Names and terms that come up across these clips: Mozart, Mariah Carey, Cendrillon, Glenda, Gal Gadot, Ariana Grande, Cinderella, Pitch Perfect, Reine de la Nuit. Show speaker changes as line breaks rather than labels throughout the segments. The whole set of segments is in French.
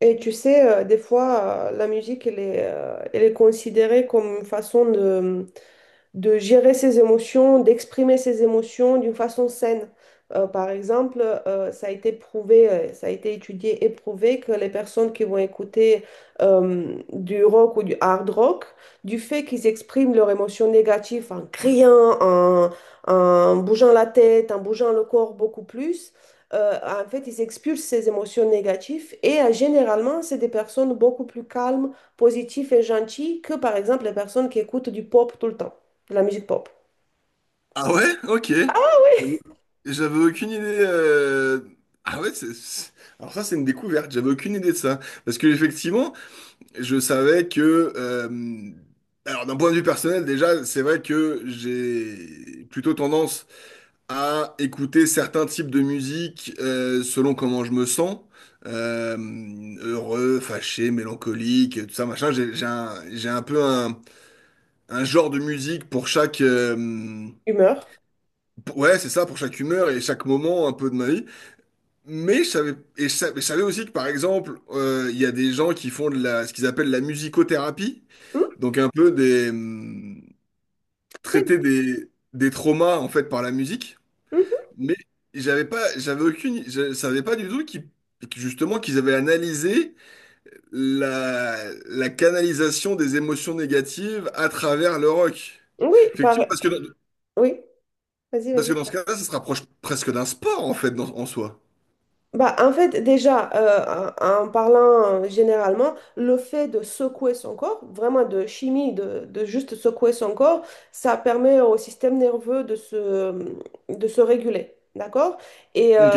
Et tu sais, des fois, la musique, elle est considérée comme une façon de gérer ses émotions, d'exprimer ses émotions d'une façon saine. Par exemple, ça a été prouvé, ça a été étudié et prouvé que les personnes qui vont écouter du rock ou du hard rock, du fait qu'ils expriment leurs émotions négatives en criant, en, en bougeant la tête, en bougeant le corps beaucoup plus, en fait, ils expulsent ces émotions négatives et généralement, c'est des personnes beaucoup plus calmes, positives et gentilles que, par exemple, les personnes qui écoutent du pop tout le temps de La musique pop.
Ah ouais? Ok.
Ah
J'avais
oui.
j'avais aucune idée. Ah ouais, Alors ça, c'est une découverte. J'avais aucune idée de ça. Parce que effectivement, je savais que... euh, Alors d'un point de vue personnel, déjà, c'est vrai que j'ai plutôt tendance à écouter certains types de musique, selon comment je me sens. Euh, Heureux, fâché, mélancolique, tout ça, machin. J'ai un peu un genre de musique
Humeur.
Ouais, c'est ça, pour chaque humeur et chaque moment un peu de ma vie. Mais je savais, et je savais aussi que, par exemple, il y a des gens qui font de la, ce qu'ils appellent la musicothérapie,
Hmm,
donc un peu traiter
c'est-
des traumas, en fait, par la musique.
Mhm.
Mais j'avais pas, je savais pas du tout que justement, qu'ils avaient analysé la, la canalisation des émotions négatives à travers le rock.
Oui, par-
Effectivement,
oui. Vas-y,
parce que
vas-y.
dans ce cas-là, ça se rapproche presque d'un sport, en fait, en soi.
Bah, en fait, déjà, en parlant généralement, le fait de secouer son corps, vraiment de chimie, de juste secouer son corps, ça permet au système nerveux de se réguler, d'accord? Et euh,
Ok.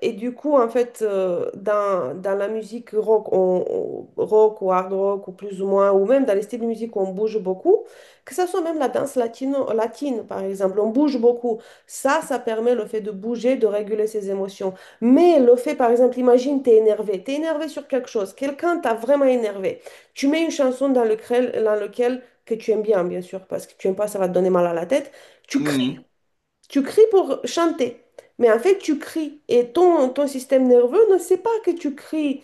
et du coup, en fait, dans, dans la musique rock, rock ou hard rock, ou plus ou moins, ou même dans les styles de musique où on bouge beaucoup, que ce soit même la danse latino, latine, par exemple, on bouge beaucoup. Ça permet le fait de bouger, de réguler ses émotions. Mais le fait, par exemple, imagine, t'es énervé sur quelque chose, quelqu'un t'a vraiment énervé. Tu mets une chanson dans lequel que tu aimes bien, bien sûr, parce que tu aimes pas, ça va te donner mal à la tête. Tu
Hmm.
tu cries pour chanter, mais en fait tu cries et ton, ton système nerveux ne sait pas que tu cries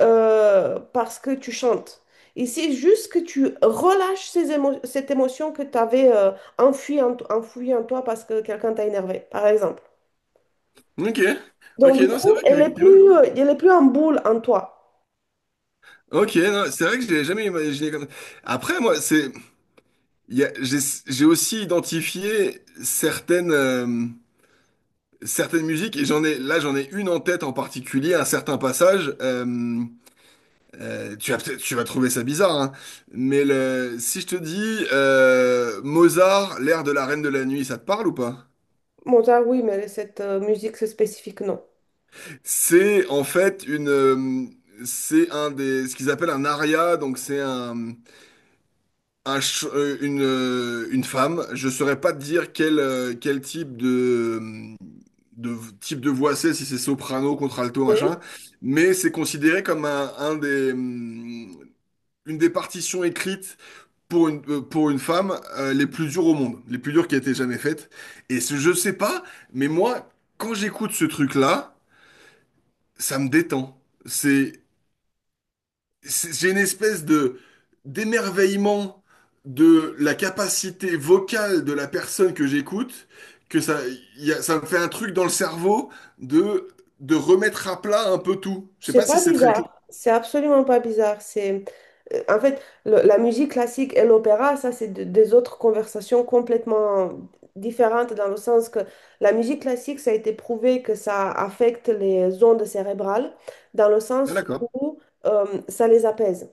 parce que tu chantes. Il sait juste que tu relâches cette émotion que tu avais enfouie en, enfouie en toi parce que quelqu'un t'a énervé, par exemple.
Ok,
Donc
ok,
du
non, c'est
coup,
vrai qu'effectivement.
elle est plus en boule en toi.
Ok, non, c'est vrai que je l'ai jamais imaginé comme. Après, moi, c'est, il y a- j'ai aussi identifié certaines, certaines musiques, et j'en ai, là, j'en ai une en tête en particulier, un certain passage. Tu vas peut-être, tu vas trouver ça bizarre, hein, mais si je te dis, Mozart, l'air de la Reine de la Nuit, ça te parle ou pas?
Mozart, oui, mais cette musique c'est spécifique, non.
C'est en fait une, c'est un des, ce qu'ils appellent un aria, donc c'est une femme. Je saurais pas te dire quel type de type de voix c'est, si c'est soprano, contralto, machin,
Hmm.
mais c'est considéré comme une des partitions écrites pour une femme, les plus dures au monde, les plus dures qui a été jamais faites. Et ce, je sais pas, mais moi, quand j'écoute ce truc-là, ça me détend. c'est J'ai une espèce de d'émerveillement de la capacité vocale de la personne que j'écoute, que ça, il y a- ça me fait un truc dans le cerveau de, de remettre à plat un peu tout. Je sais
C'est
pas si
pas
c'est très clair.
bizarre. C'est absolument pas bizarre. C'est, en fait, la musique classique et l'opéra, ça, c'est des autres conversations complètement différentes dans le sens que la musique classique, ça a été prouvé que ça affecte les ondes cérébrales dans le
Ah,
sens
d'accord.
où ça les apaise.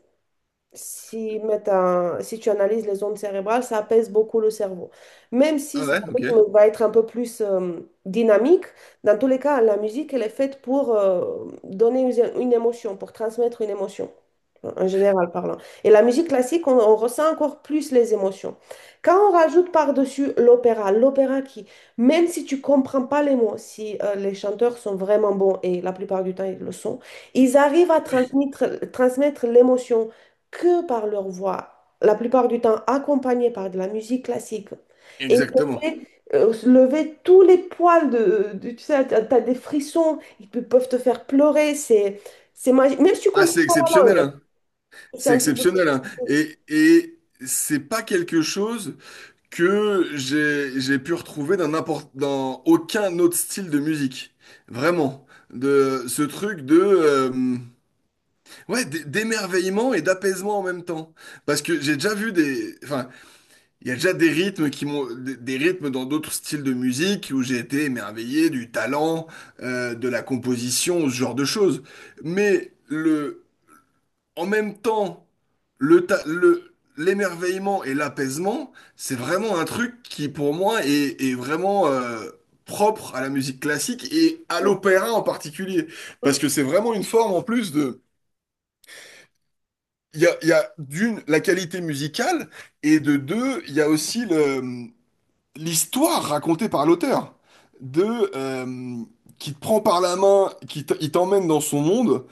Si, mettent un- si tu analyses les ondes cérébrales, ça apaise beaucoup le cerveau. Même si
Ah
ce
ouais, ok.
rythme va être un peu plus dynamique, dans tous les cas, la musique, elle est faite pour donner une émotion, pour transmettre une émotion en général parlant. Et la musique classique, on ressent encore plus les émotions. Quand on rajoute par-dessus l'opéra, l'opéra qui, même si tu comprends pas les mots, si les chanteurs sont vraiment bons, et la plupart du temps ils le sont, ils arrivent à transmettre, transmettre l'émotion que par leur voix, la plupart du temps accompagnée par de la musique classique. Et ils te
Exactement.
fait se lever tous les poils de, tu sais, t'as, t'as des frissons, peuvent te faire pleurer, c'est magique. Même si tu
Ah,
comprends
c'est
pas la
exceptionnel,
langue.
hein.
C'est
C'est
un peu beaucoup.
exceptionnel, hein. Et c'est pas quelque chose que j'ai pu retrouver dans aucun autre style de musique. Vraiment. De ce truc de, ouais, d'émerveillement et d'apaisement en même temps. Parce que j'ai déjà vu, des enfin, il y a déjà des rythmes, des rythmes dans d'autres styles de musique où j'ai été émerveillé du talent, de la composition, ce genre de choses. Mais le en même temps, l'émerveillement et l'apaisement, c'est vraiment un truc qui, pour moi, est vraiment, propre à la musique classique et à
Mm,
l'opéra en particulier.
mm.
Parce
Mm.
que c'est vraiment une forme, en plus, de... Il y a d'une, la qualité musicale, et de deux, il y a aussi l'histoire racontée par l'auteur, de, euh, qui te prend par la main, il t'emmène dans son monde.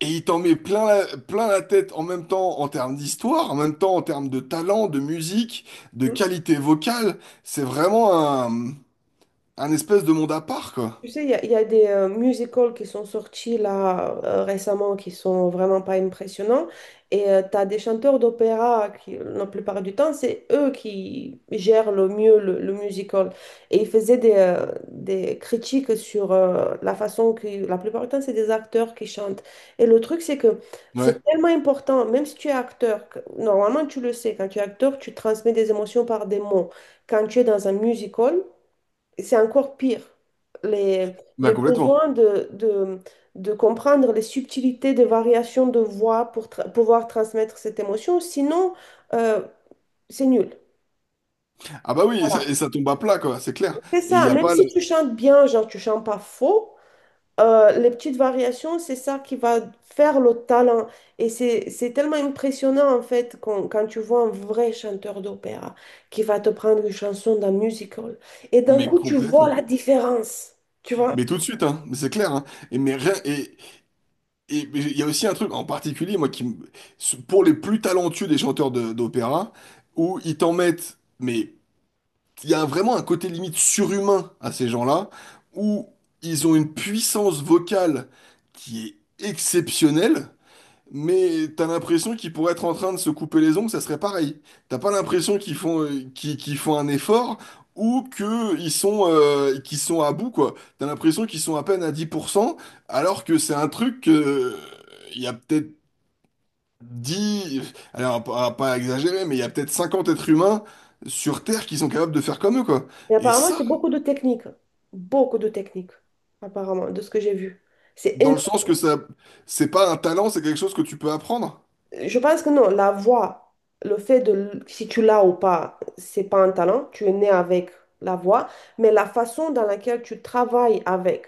Et il t'en met plein la tête, en même temps en termes d'histoire, en même temps en termes de talent, de musique, de qualité vocale. C'est vraiment un, un espèce de monde à part, quoi.
Tu sais, il y a des musicals qui sont sortis là récemment qui sont vraiment pas impressionnants. Et tu as des chanteurs d'opéra qui, la plupart du temps, c'est eux qui gèrent le mieux le musical. Et ils faisaient des critiques sur la façon que, la plupart du temps, c'est des acteurs qui chantent. Et le truc, c'est que c'est
Ouais,
tellement important, même si tu es acteur, normalement, tu le sais, quand tu es acteur, tu transmets des émotions par des mots. Quand tu es dans un musical, c'est encore pire. Les-
bah
le
complètement.
besoin de comprendre les subtilités des variations de voix pour pouvoir transmettre cette émotion, sinon, euh, c'est nul.
Ah bah oui, et ça,
Voilà.
et ça tombe à plat, quoi, c'est clair.
C'est
Et il
ça,
n'y a
même
pas le...
si tu chantes bien, genre tu chantes pas faux, les petites variations, c'est ça qui va faire le talent. Et c'est tellement impressionnant en fait quand, quand tu vois un vrai chanteur d'opéra qui va te prendre une chanson d'un musical et d'un
Mais
coup tu vois
complètement.
la différence, tu vois?
Mais tout de suite, hein, mais c'est clair, hein. Et mais il y a aussi un truc en particulier, moi, pour les plus talentueux des chanteurs d'opéra, où ils t'en mettent... mais il y a vraiment un côté limite surhumain à ces gens-là, où ils ont une puissance vocale qui est exceptionnelle, mais t'as l'impression qu'ils pourraient être en train de se couper les ongles, ça serait pareil. T'as pas l'impression qu'ils font, qu'ils font un effort, ou qu'ils sont à bout, quoi. T'as l'impression qu'ils sont à peine à 10 %, alors que c'est un truc que... il y a peut-être 10, alors pas exagérer, mais il y a peut-être 50 êtres humains sur Terre qui sont capables de faire comme eux, quoi.
Et
Et
apparemment,
ça,
c'est beaucoup de techniques. Beaucoup de techniques, apparemment, de ce que j'ai vu. C'est
dans le sens que ça, c'est pas un talent, c'est quelque chose que tu peux apprendre.
Je pense que non, la voix, le fait de, si tu l'as ou pas, c'est pas un talent, tu es né avec la voix, mais la façon dans laquelle tu travailles avec,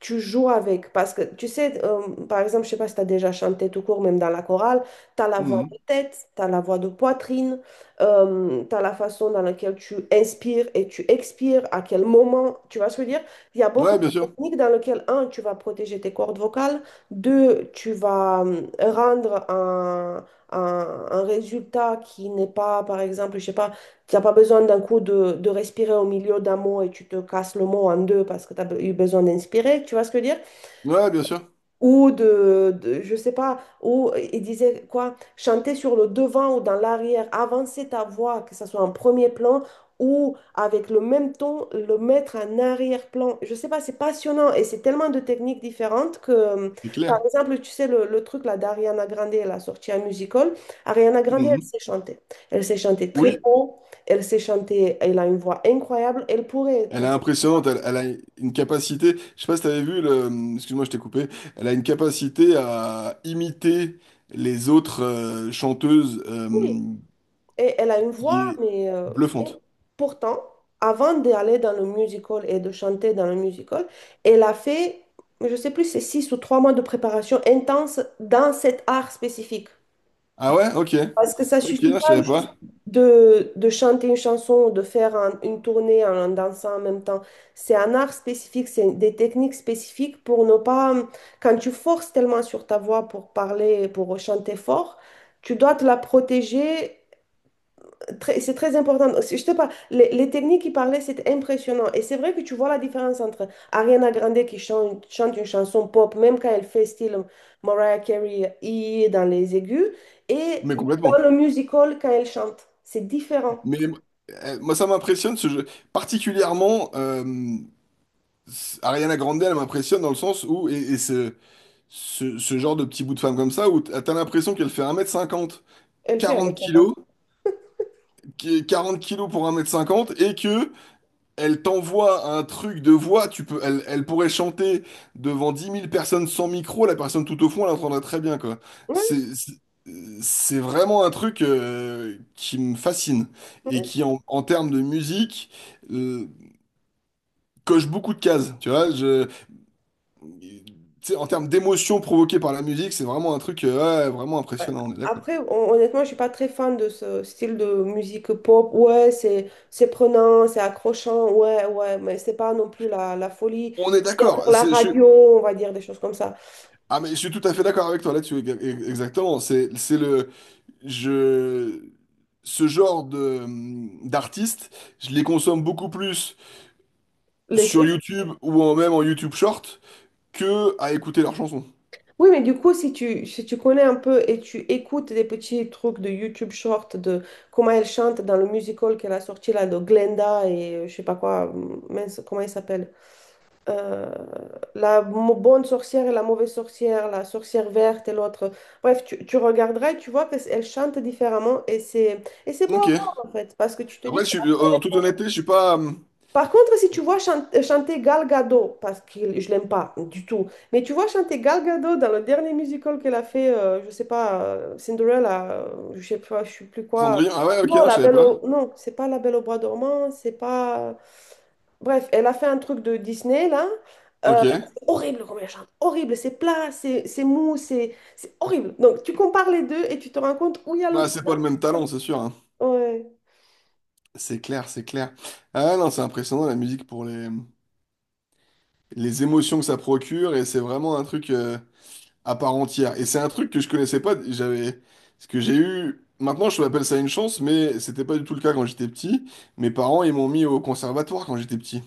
tu joues avec, parce que tu sais, par exemple, je sais pas si tu as déjà chanté tout court, même dans la chorale, tu as la voix de
Mhm.
tête, tu as la voix de poitrine, tu as la façon dans laquelle tu inspires et tu expires, à quel moment, tu vas se dire, il y a beaucoup
Ouais, bien
de
sûr.
techniques dans lesquelles, un, tu vas protéger tes cordes vocales, deux, tu vas rendre un, un résultat qui n'est pas, par exemple, je sais pas, tu n'as pas besoin d'un coup de respirer au milieu d'un mot et tu te casses le mot en deux parce que tu as eu besoin d'inspirer. Tu vois ce que je veux dire?
Ouais, bien sûr.
Ou de, je sais pas, ou il disait quoi, chanter sur le devant ou dans l'arrière, avancer ta voix, que ça soit en premier plan ou avec le même ton, le mettre en arrière-plan. Je sais pas, c'est passionnant et c'est tellement de techniques différentes que,
C'est
par
clair.
exemple, tu sais, le truc là d'Ariana Grande, elle a sorti un musical. Ariana Grande, elle
Mhm.
sait chanter. Elle sait chanter très
Oui.
haut, elle sait chanter, elle a une voix incroyable, elle pourrait être...
Elle est impressionnante, elle a une capacité. Je sais pas si t'avais vu excuse-moi, je t'ai coupé, elle a une capacité à imiter les autres, chanteuses,
Oui. Et elle a une
qui
voix,
est
mais et
bluffante.
pourtant, avant d'aller dans le musical et de chanter dans le musical, elle a fait, je ne sais plus, c'est 6 ou 3 mois de préparation intense dans cet art spécifique.
Ah ouais? Ok.
Parce que ça
Ok,
suffit
je
pas
savais
juste
pas.
de chanter une chanson ou de faire une tournée en, en dansant en même temps. C'est un art spécifique, c'est des techniques spécifiques pour ne pas... Quand tu forces tellement sur ta voix pour parler, pour chanter fort, tu dois te la protéger c'est très important. Je te parle, les techniques qu'il parlait, c'était impressionnant. Et c'est vrai que tu vois la différence entre Ariana Grande qui chante, chante une chanson pop, même quand elle fait style Mariah Carey I dans les aigus, et
Mais
dans
complètement.
le musical quand elle chante. C'est différent.
Mais moi, ça m'impressionne, ce jeu. Particulièrement, Ariana Grande, elle m'impressionne dans le sens où, et ce genre de petit bout de femme comme ça, où t'as l'impression qu'elle fait 1,50 m,
Elle fait
quarante
1 m 50.
kilos, qui est 40 kilos pour 1,50 m. Et que elle t'envoie un truc de voix, tu peux, elle pourrait chanter devant 10 000 personnes sans micro, la personne tout au fond, elle l'entendrait très bien, quoi.
Ouais,
C'est, c'est c'est vraiment un truc, qui me fascine,
ouais.
et
Ouais.
qui, en termes de musique, euh, coche beaucoup de cases, tu vois. Tu sais, en termes d'émotion provoquée par la musique, c'est vraiment un truc, ouais, vraiment
Euh,
impressionnant, on est d'accord.
Après, honnêtement, je suis pas très fan de ce style de musique pop. Ouais, c'est prenant, c'est accrochant. Ouais, ouais, mais c'est pas non plus la, la folie.
On est
C'est bien
d'accord.
pour la radio, on va dire des choses comme ça.
Ah mais je suis tout à fait d'accord avec toi là-dessus. Exactement. C'est le je ce genre de d'artistes, je les consomme beaucoup plus
L'été.
sur YouTube, ou même en YouTube Short, que à écouter leurs chansons.
Oui, mais du coup, si tu, si tu connais un peu et tu écoutes des petits trucs de YouTube short de comment elle chante dans le musical qu'elle a sorti là de Glenda et je sais pas quoi, mince, comment il s'appelle? Euh, bonne sorcière et la mauvaise sorcière, la sorcière verte et l'autre. Bref, tu regarderas et tu vois qu'elle chante différemment et c'est beau à
Ok.
voir en fait parce que tu te
Après,
dis
en toute honnêteté, je suis pas,
Par contre, si tu vois chanter Gal Gadot, parce que je l'aime pas du tout, mais tu vois chanter Gal Gadot dans le dernier musical qu'elle a fait, je sais pas, Cinderella, je sais pas, je sais plus quoi.
Cendrillon. Ah ouais, ok,
Non,
non, je
la
savais
Belle
pas.
au... non, c'est pas la Belle au bois dormant, c'est pas. Bref, elle a fait un truc de Disney là. Euh,
Ok.
c'est horrible comme elle chante, horrible, c'est plat, c'est mou, c'est horrible. Donc tu compares les deux et tu te rends compte où il y a
Bah,
l'autre.
c'est pas le même talent, c'est sûr, hein.
Ouais.
C'est clair, c'est clair. Ah non, c'est impressionnant, la musique, pour les émotions que ça procure, et c'est vraiment un truc à part entière. Et c'est un truc que je connaissais pas. Ce que j'ai eu, maintenant, je l'appelle ça une chance, mais c'était pas du tout le cas quand j'étais petit. Mes parents, ils m'ont mis au conservatoire quand j'étais petit.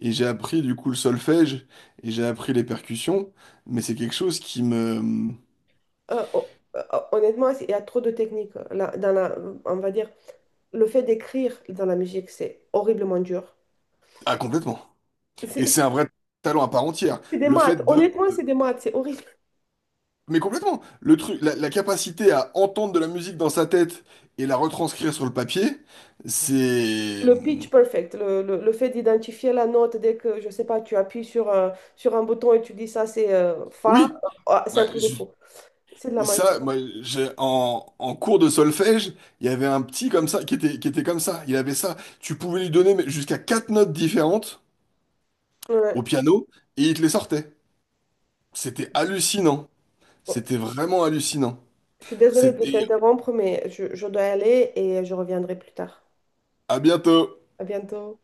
Et j'ai appris du coup le solfège, et j'ai appris les percussions, mais c'est quelque chose qui me...
Euh, oh, oh, honnêtement, il y a trop de techniques là, dans la, on va dire. Le fait d'écrire dans la musique, c'est horriblement dur.
Ah, complètement. Et
C'est
c'est un vrai talent à part entière.
c'est des
Le
maths.
fait de...
Honnêtement, c'est des maths. C'est horrible.
Mais complètement. Le truc, la capacité à entendre de la musique dans sa tête et la retranscrire sur le papier, c'est...
Le pitch perfect, le, le fait d'identifier la note dès que, je sais pas, tu appuies sur un bouton et tu dis ça, c'est fa,
Oui.
ah, c'est un
Bah,
truc de fou. C'est de la magie.
ça, moi, en cours de solfège, il y avait un petit comme ça qui était comme ça. Il avait ça. Tu pouvais lui donner, mais, jusqu'à quatre notes différentes au
Ouais.
piano, et il te les sortait. C'était hallucinant.
Bon,
C'était vraiment hallucinant.
je suis désolée de
C'était
t'interrompre, mais je dois y aller et je reviendrai plus tard.
à bientôt.
À bientôt.